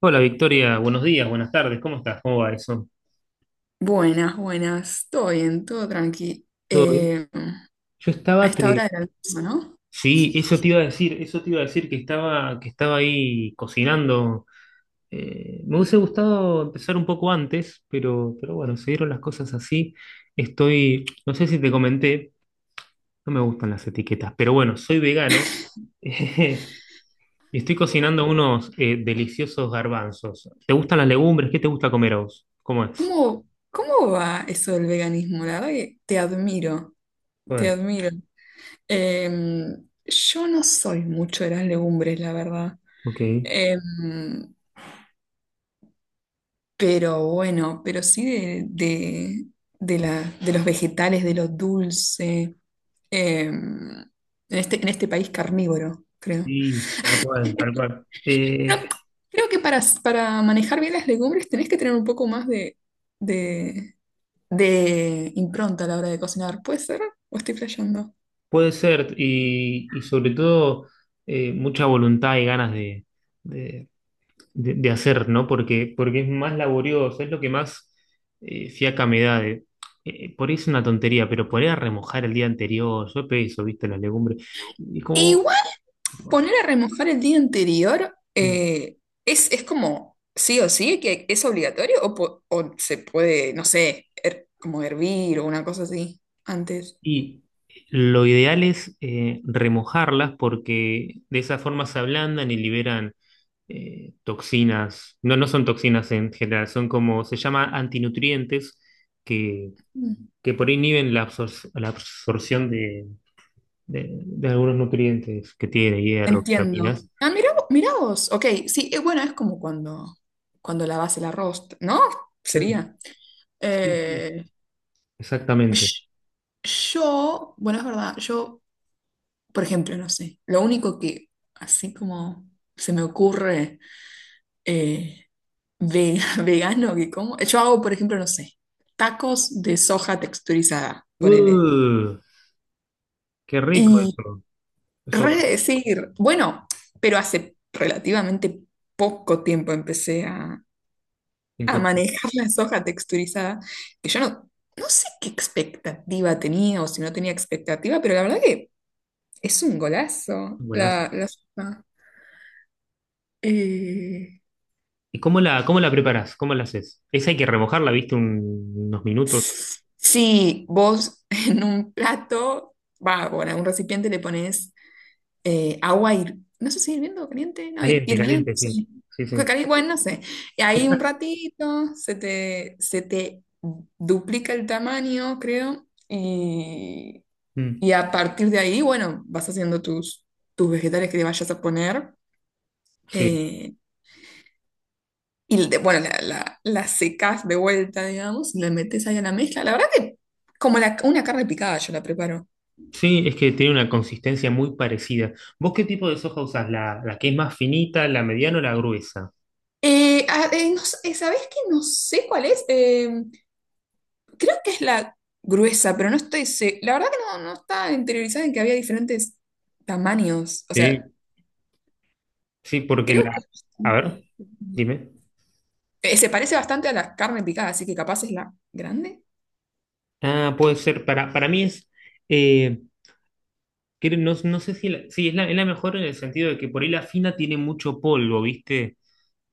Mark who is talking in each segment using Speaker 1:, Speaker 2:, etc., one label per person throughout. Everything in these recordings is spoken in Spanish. Speaker 1: Hola Victoria, buenos días, buenas tardes, ¿cómo estás? ¿Cómo va eso?
Speaker 2: Buenas, buenas. Todo bien, todo tranqui.
Speaker 1: ¿Todo bien? Yo
Speaker 2: A
Speaker 1: estaba
Speaker 2: esta hora
Speaker 1: te...
Speaker 2: del almuerzo, ¿no?
Speaker 1: Sí, eso te iba a decir, eso te iba a decir que estaba ahí cocinando. Me hubiese gustado empezar un poco antes, pero bueno, se dieron las cosas así. Estoy, no sé si te comenté, no me gustan las etiquetas, pero bueno, soy vegano y estoy cocinando unos deliciosos garbanzos. ¿Te gustan las legumbres? ¿Qué te gusta comer a vos? ¿Cómo es?
Speaker 2: ¿Cómo va eso del veganismo? La verdad que te admiro,
Speaker 1: ¿Cómo
Speaker 2: te
Speaker 1: es?
Speaker 2: admiro. Eh, yo no soy mucho de las legumbres, la verdad.
Speaker 1: Ok.
Speaker 2: Eh, pero bueno, pero sí de los vegetales, de lo dulce. Eh, en en este país carnívoro, creo.
Speaker 1: Sí, tal cual, tal cual.
Speaker 2: Pero creo que para manejar bien las legumbres tenés que tener un poco más de, de impronta a la hora de cocinar. ¿Puede ser? ¿O estoy flasheando?
Speaker 1: Puede ser, y sobre todo mucha voluntad y ganas de, de hacer, ¿no? Porque es más laborioso, es lo que más fiaca me da. Por ahí es una tontería, pero poner a remojar el día anterior, yo eso, viste, las legumbres. Y
Speaker 2: E
Speaker 1: como,
Speaker 2: igual poner a remojar el día anterior
Speaker 1: mm,
Speaker 2: es como sí o sí, que es obligatorio o se puede, no sé, como hervir o una cosa así antes.
Speaker 1: y lo ideal es remojarlas porque de esa forma se ablandan y liberan toxinas, no, no son toxinas en general, son como se llama antinutrientes que,
Speaker 2: Mm.
Speaker 1: que por ahí inhiben la absorción de algunos nutrientes que tiene, hierro,
Speaker 2: Entiendo.
Speaker 1: vitaminas.
Speaker 2: Ah, mirá, mirá vos. Ok, sí, bueno, es como cuando lavas el arroz, ¿no?
Speaker 1: Mm.
Speaker 2: Sería.
Speaker 1: Sí, sí,
Speaker 2: Eh,
Speaker 1: exactamente.
Speaker 2: Sh- bueno, es verdad, yo, por ejemplo, no sé, lo único que así como se me ocurre eh, vegano que como, yo hago, por ejemplo, no sé, tacos de soja texturizada, ponele.
Speaker 1: Uh, qué rico
Speaker 2: Y
Speaker 1: eso.
Speaker 2: re
Speaker 1: Eso
Speaker 2: decir, bueno, pero hace relativamente poco tiempo empecé a
Speaker 1: en curso.
Speaker 2: manejar la soja texturizada, que yo no, no sé qué expectativa tenía o si no tenía expectativa, pero la verdad que... Es un golazo
Speaker 1: Golazo.
Speaker 2: la sopa. Eh,
Speaker 1: ¿Y cómo la preparás? ¿Cómo la haces? Esa hay que remojarla, ¿viste? Unos minutos.
Speaker 2: si vos en un plato, va, bueno, en un recipiente le pones agua, no sé si hirviendo o caliente, no,
Speaker 1: Caliente,
Speaker 2: hirviendo,
Speaker 1: caliente, sí.
Speaker 2: sí.
Speaker 1: Sí,
Speaker 2: Porque
Speaker 1: sí.
Speaker 2: bueno, no sé. Y ahí un ratito se te duplica el tamaño, creo,
Speaker 1: Mm,
Speaker 2: y a partir de ahí, bueno, vas haciendo tus vegetales que le vayas a poner.
Speaker 1: sí.
Speaker 2: Eh, bueno, la secas de vuelta, digamos, y la metes ahí a la mezcla. La verdad que como una carne picada yo la preparo.
Speaker 1: Sí, es que tiene una consistencia muy parecida. ¿Vos qué tipo de soja usás? ¿La, la que es más finita, la mediana o la gruesa?
Speaker 2: No sé, ¿sabés que no sé cuál es? Creo que es la gruesa, pero no estoy... La verdad que no, no está interiorizada en que había diferentes tamaños. O sea,
Speaker 1: Sí, sí, porque
Speaker 2: creo que...
Speaker 1: la... A ver, dime.
Speaker 2: Se parece bastante a la carne picada, así que capaz es la grande.
Speaker 1: Ah, puede ser, para mí es... eh, no, no sé si... sí, es la mejor en el sentido de que por ahí la fina tiene mucho polvo, ¿viste?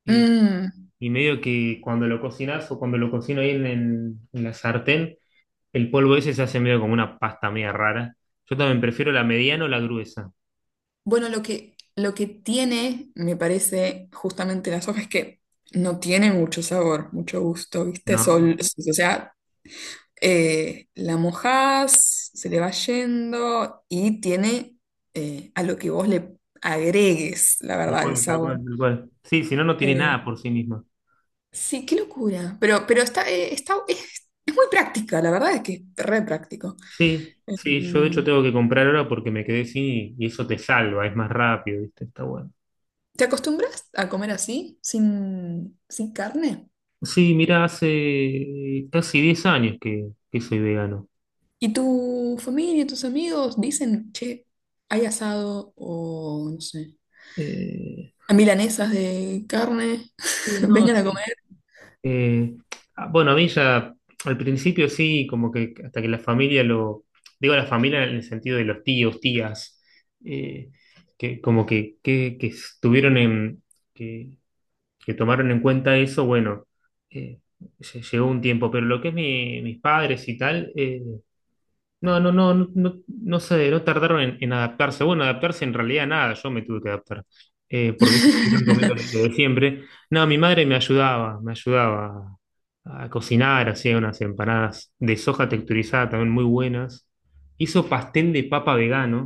Speaker 1: Y,
Speaker 2: Mm.
Speaker 1: y medio que cuando lo cocinas o cuando lo cocino ahí en la sartén, el polvo ese se hace medio como una pasta media rara. Yo también prefiero la mediana o la gruesa.
Speaker 2: Bueno, lo que tiene, me parece, justamente la soja es que no tiene mucho sabor, mucho gusto, ¿viste?
Speaker 1: ¿No?
Speaker 2: O sea, la mojás, se le va yendo y tiene, a lo que vos le agregues, la
Speaker 1: Tal
Speaker 2: verdad, el
Speaker 1: cual, tal
Speaker 2: sabor.
Speaker 1: cual, tal cual. Sí, si no, no tiene
Speaker 2: Eh,
Speaker 1: nada por sí misma.
Speaker 2: sí, qué locura. Pero está, es muy práctica, la verdad es que es re práctico.
Speaker 1: Sí, sí, yo de hecho
Speaker 2: Em,
Speaker 1: tengo que comprar ahora porque me quedé sin y eso te salva, es más rápido, ¿viste? Está bueno.
Speaker 2: ¿Te acostumbras a comer así, sin carne?
Speaker 1: Sí, mira, hace casi 10 años que soy vegano.
Speaker 2: ¿Y tu familia, tus amigos dicen, che, hay asado o, no sé,
Speaker 1: Eh,
Speaker 2: a milanesas de carne,
Speaker 1: sí, no,
Speaker 2: vengan a
Speaker 1: sí.
Speaker 2: comer?
Speaker 1: Eh, bueno, a mí ya al principio sí, como que hasta que la familia lo. Digo la familia en el sentido de los tíos, tías, eh, que como que estuvieron en. que que tomaron en cuenta eso, bueno, eh, llegó un tiempo, pero lo que es mis padres y tal, no, no, no, no, no, no sé, no tardaron en adaptarse. Bueno, adaptarse en realidad nada, yo me tuve que adaptar, porque ellos siguieron comiendo lo de siempre. No, mi madre me ayudaba, a cocinar, hacía unas empanadas de soja texturizada también muy buenas. Hizo pastel de papa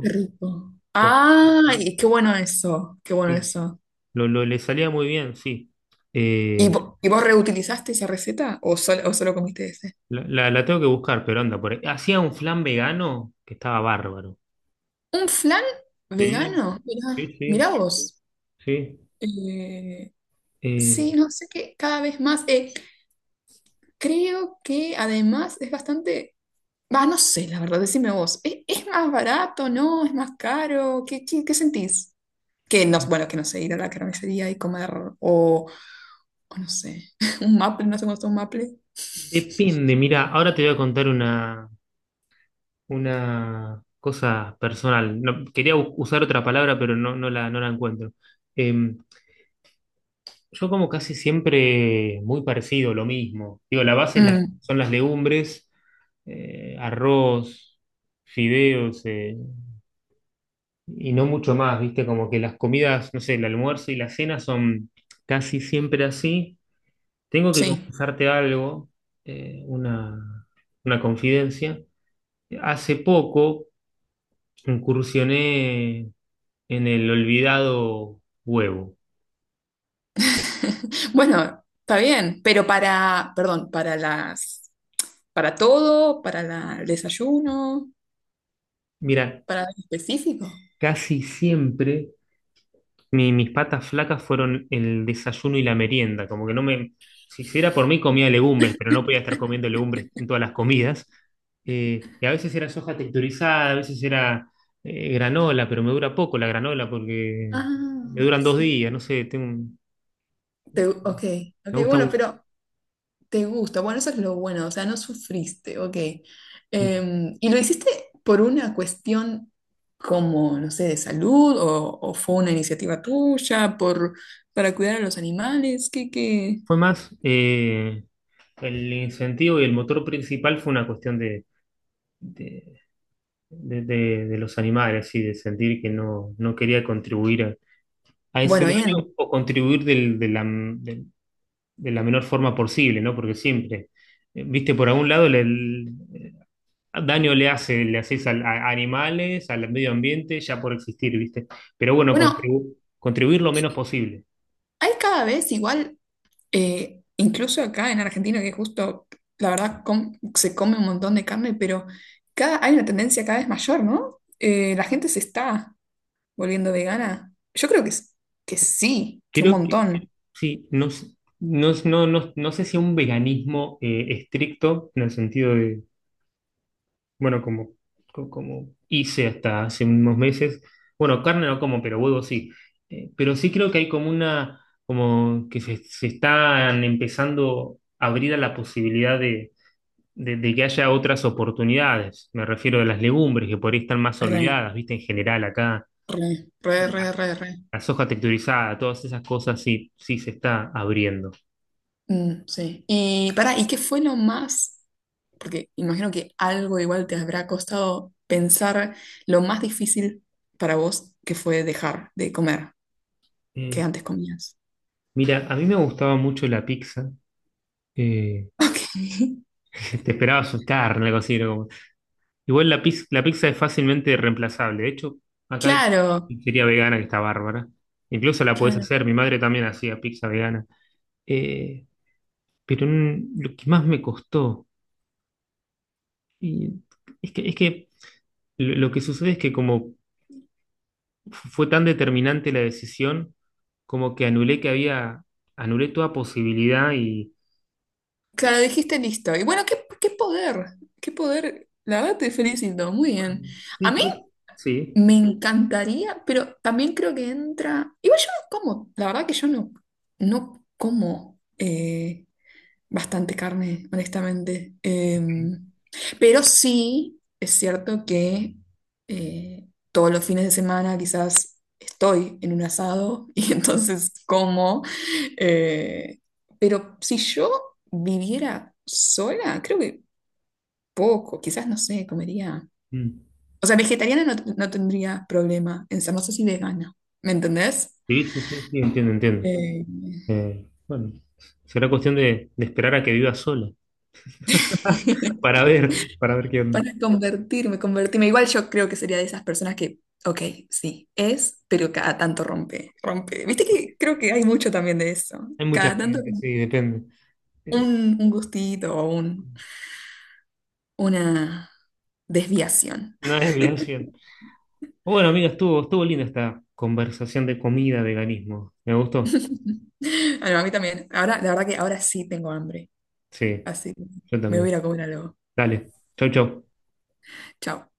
Speaker 2: Qué rico.
Speaker 1: con-
Speaker 2: ¡Ay, qué bueno eso! ¡Qué bueno
Speaker 1: Sí,
Speaker 2: eso!
Speaker 1: le salía muy bien, sí.
Speaker 2: ¿Y,
Speaker 1: Eh,
Speaker 2: y vos reutilizaste esa receta o solo o solo comiste ese?
Speaker 1: La tengo que buscar, pero anda por ahí. Hacía un flan vegano que estaba bárbaro.
Speaker 2: ¿Un flan
Speaker 1: Sí,
Speaker 2: vegano? Mirá,
Speaker 1: sí,
Speaker 2: mirá
Speaker 1: sí,
Speaker 2: vos.
Speaker 1: sí.
Speaker 2: Eh,
Speaker 1: Eh,
Speaker 2: sí, no sé qué, cada vez más. Creo que además es bastante. Va, no sé, la verdad, decime vos. Es más barato, no? ¿Es más caro? Qué sentís? Que no, bueno, que no sé, ir a la carnicería y comer, o, o no sé, un maple, no sé cómo está un maple.
Speaker 1: Depende, mira, ahora te voy a contar una cosa personal. No, quería usar otra palabra, pero no, no la encuentro. Eh, yo como casi siempre muy parecido, lo mismo. Digo, la base es
Speaker 2: Mm,
Speaker 1: son las legumbres, arroz, fideos. Y no mucho más, ¿viste? Como que las comidas, no sé, el almuerzo y la cena son casi siempre así. Tengo que
Speaker 2: sí.
Speaker 1: confesarte algo, eh, una, una confidencia. Hace poco incursioné en el olvidado huevo.
Speaker 2: Bueno, está bien, pero para, perdón, para las, para todo, para el desayuno,
Speaker 1: Mira,
Speaker 2: para algo específico.
Speaker 1: casi siempre mis patas flacas fueron el desayuno y la merienda, como que no me, si, si era por mí comía legumbres, pero no podía estar comiendo legumbres en todas las comidas. Y a veces era soja texturizada, a veces era granola, pero me dura poco la granola porque me
Speaker 2: Ah,
Speaker 1: duran dos
Speaker 2: sí.
Speaker 1: días, no sé, tengo,
Speaker 2: Ok, ok,
Speaker 1: me gusta
Speaker 2: bueno,
Speaker 1: mucho.
Speaker 2: pero te gusta, bueno, eso es lo bueno, o sea, no sufriste, ok. ¿Y lo hiciste por una cuestión como, no sé, de salud o fue una iniciativa tuya por, para cuidar a los animales? ¿Qué, qué?
Speaker 1: Fue más el incentivo y el motor principal fue una cuestión de, de los animales y de sentir que no, no quería contribuir a ese
Speaker 2: Bueno, bien.
Speaker 1: daño o contribuir de la menor forma posible, ¿no? Porque siempre, viste, por algún lado daño le hace, le haces a animales, al medio ambiente, ya por existir, viste. Pero bueno,
Speaker 2: Bueno,
Speaker 1: contribuir lo
Speaker 2: y
Speaker 1: menos posible.
Speaker 2: hay cada vez igual, incluso acá en Argentina, que justo, la verdad, se come un montón de carne, pero cada, hay una tendencia cada vez mayor, ¿no? ¿La gente se está volviendo vegana? Yo creo que, que sí, que un
Speaker 1: Creo que,
Speaker 2: montón.
Speaker 1: sí, no, no, no, no, no sé si un veganismo estricto, en el sentido de bueno, como, como hice hasta hace unos meses, bueno, carne no como, pero huevo sí. Pero sí creo que hay como como que se están empezando a abrir a la posibilidad de que haya otras oportunidades. Me refiero a las legumbres, que por ahí están más
Speaker 2: Re,
Speaker 1: olvidadas, ¿viste? En general acá,
Speaker 2: re, re, re,
Speaker 1: la
Speaker 2: re, re.
Speaker 1: la soja texturizada, todas esas cosas sí, sí se está abriendo.
Speaker 2: Mm, sí. Y para, ¿y qué fue lo más? Porque imagino que algo igual te habrá costado pensar lo más difícil para vos que fue dejar de comer que
Speaker 1: Eh,
Speaker 2: antes comías.
Speaker 1: Mira, a mí me gustaba mucho la pizza. eh,
Speaker 2: Ok.
Speaker 1: te esperaba asustar, algo así, ¿no? Igual la pizza es fácilmente reemplazable. De hecho, acá hay
Speaker 2: Claro,
Speaker 1: pizzería vegana que está bárbara. Incluso la podés
Speaker 2: claro.
Speaker 1: hacer. Mi madre también hacía pizza vegana. Eh, pero mm, lo que más me costó y es que lo que sucede es que como fue tan determinante la decisión, como que anulé que había, anulé toda posibilidad y...
Speaker 2: Claro, dijiste listo. Y bueno, qué, qué poder, qué poder. La verdad te felicito, muy bien.
Speaker 1: Bueno,
Speaker 2: A
Speaker 1: sí,
Speaker 2: mí
Speaker 1: creo sí.
Speaker 2: me encantaría, pero también creo que entra. Igual yo no como, la verdad que yo no, no como bastante carne, honestamente. Pero sí es cierto que todos los fines de semana quizás estoy en un asado y entonces como. eh, pero si yo viviera sola, creo que poco, quizás no sé, comería.
Speaker 1: Mm.
Speaker 2: O sea, vegetariana no, no tendría problema en ser, no sé si vegana, ¿me entendés?
Speaker 1: Sí, sí, sí, sí, entiendo, entiendo.
Speaker 2: Eh,
Speaker 1: Bueno, será cuestión de esperar a que viva sola. Para ver, para ver qué onda.
Speaker 2: Para convertirme, convertirme. Igual yo creo que sería de esas personas que, ok, sí, es, pero cada tanto rompe, rompe. Viste que creo que hay mucho también de eso.
Speaker 1: Hay mucha
Speaker 2: Cada tanto
Speaker 1: gente,
Speaker 2: como
Speaker 1: sí, depende. Eh,
Speaker 2: un gustito o un, una desviación.
Speaker 1: una desviación. Bueno, amiga, estuvo linda esta conversación de comida, veganismo. ¿Me gustó?
Speaker 2: Ah, no, a mí también. Ahora, la verdad que ahora sí tengo hambre,
Speaker 1: Sí,
Speaker 2: así que
Speaker 1: yo
Speaker 2: me voy a
Speaker 1: también.
Speaker 2: ir a comer algo.
Speaker 1: Dale, chau, chau.
Speaker 2: Chao.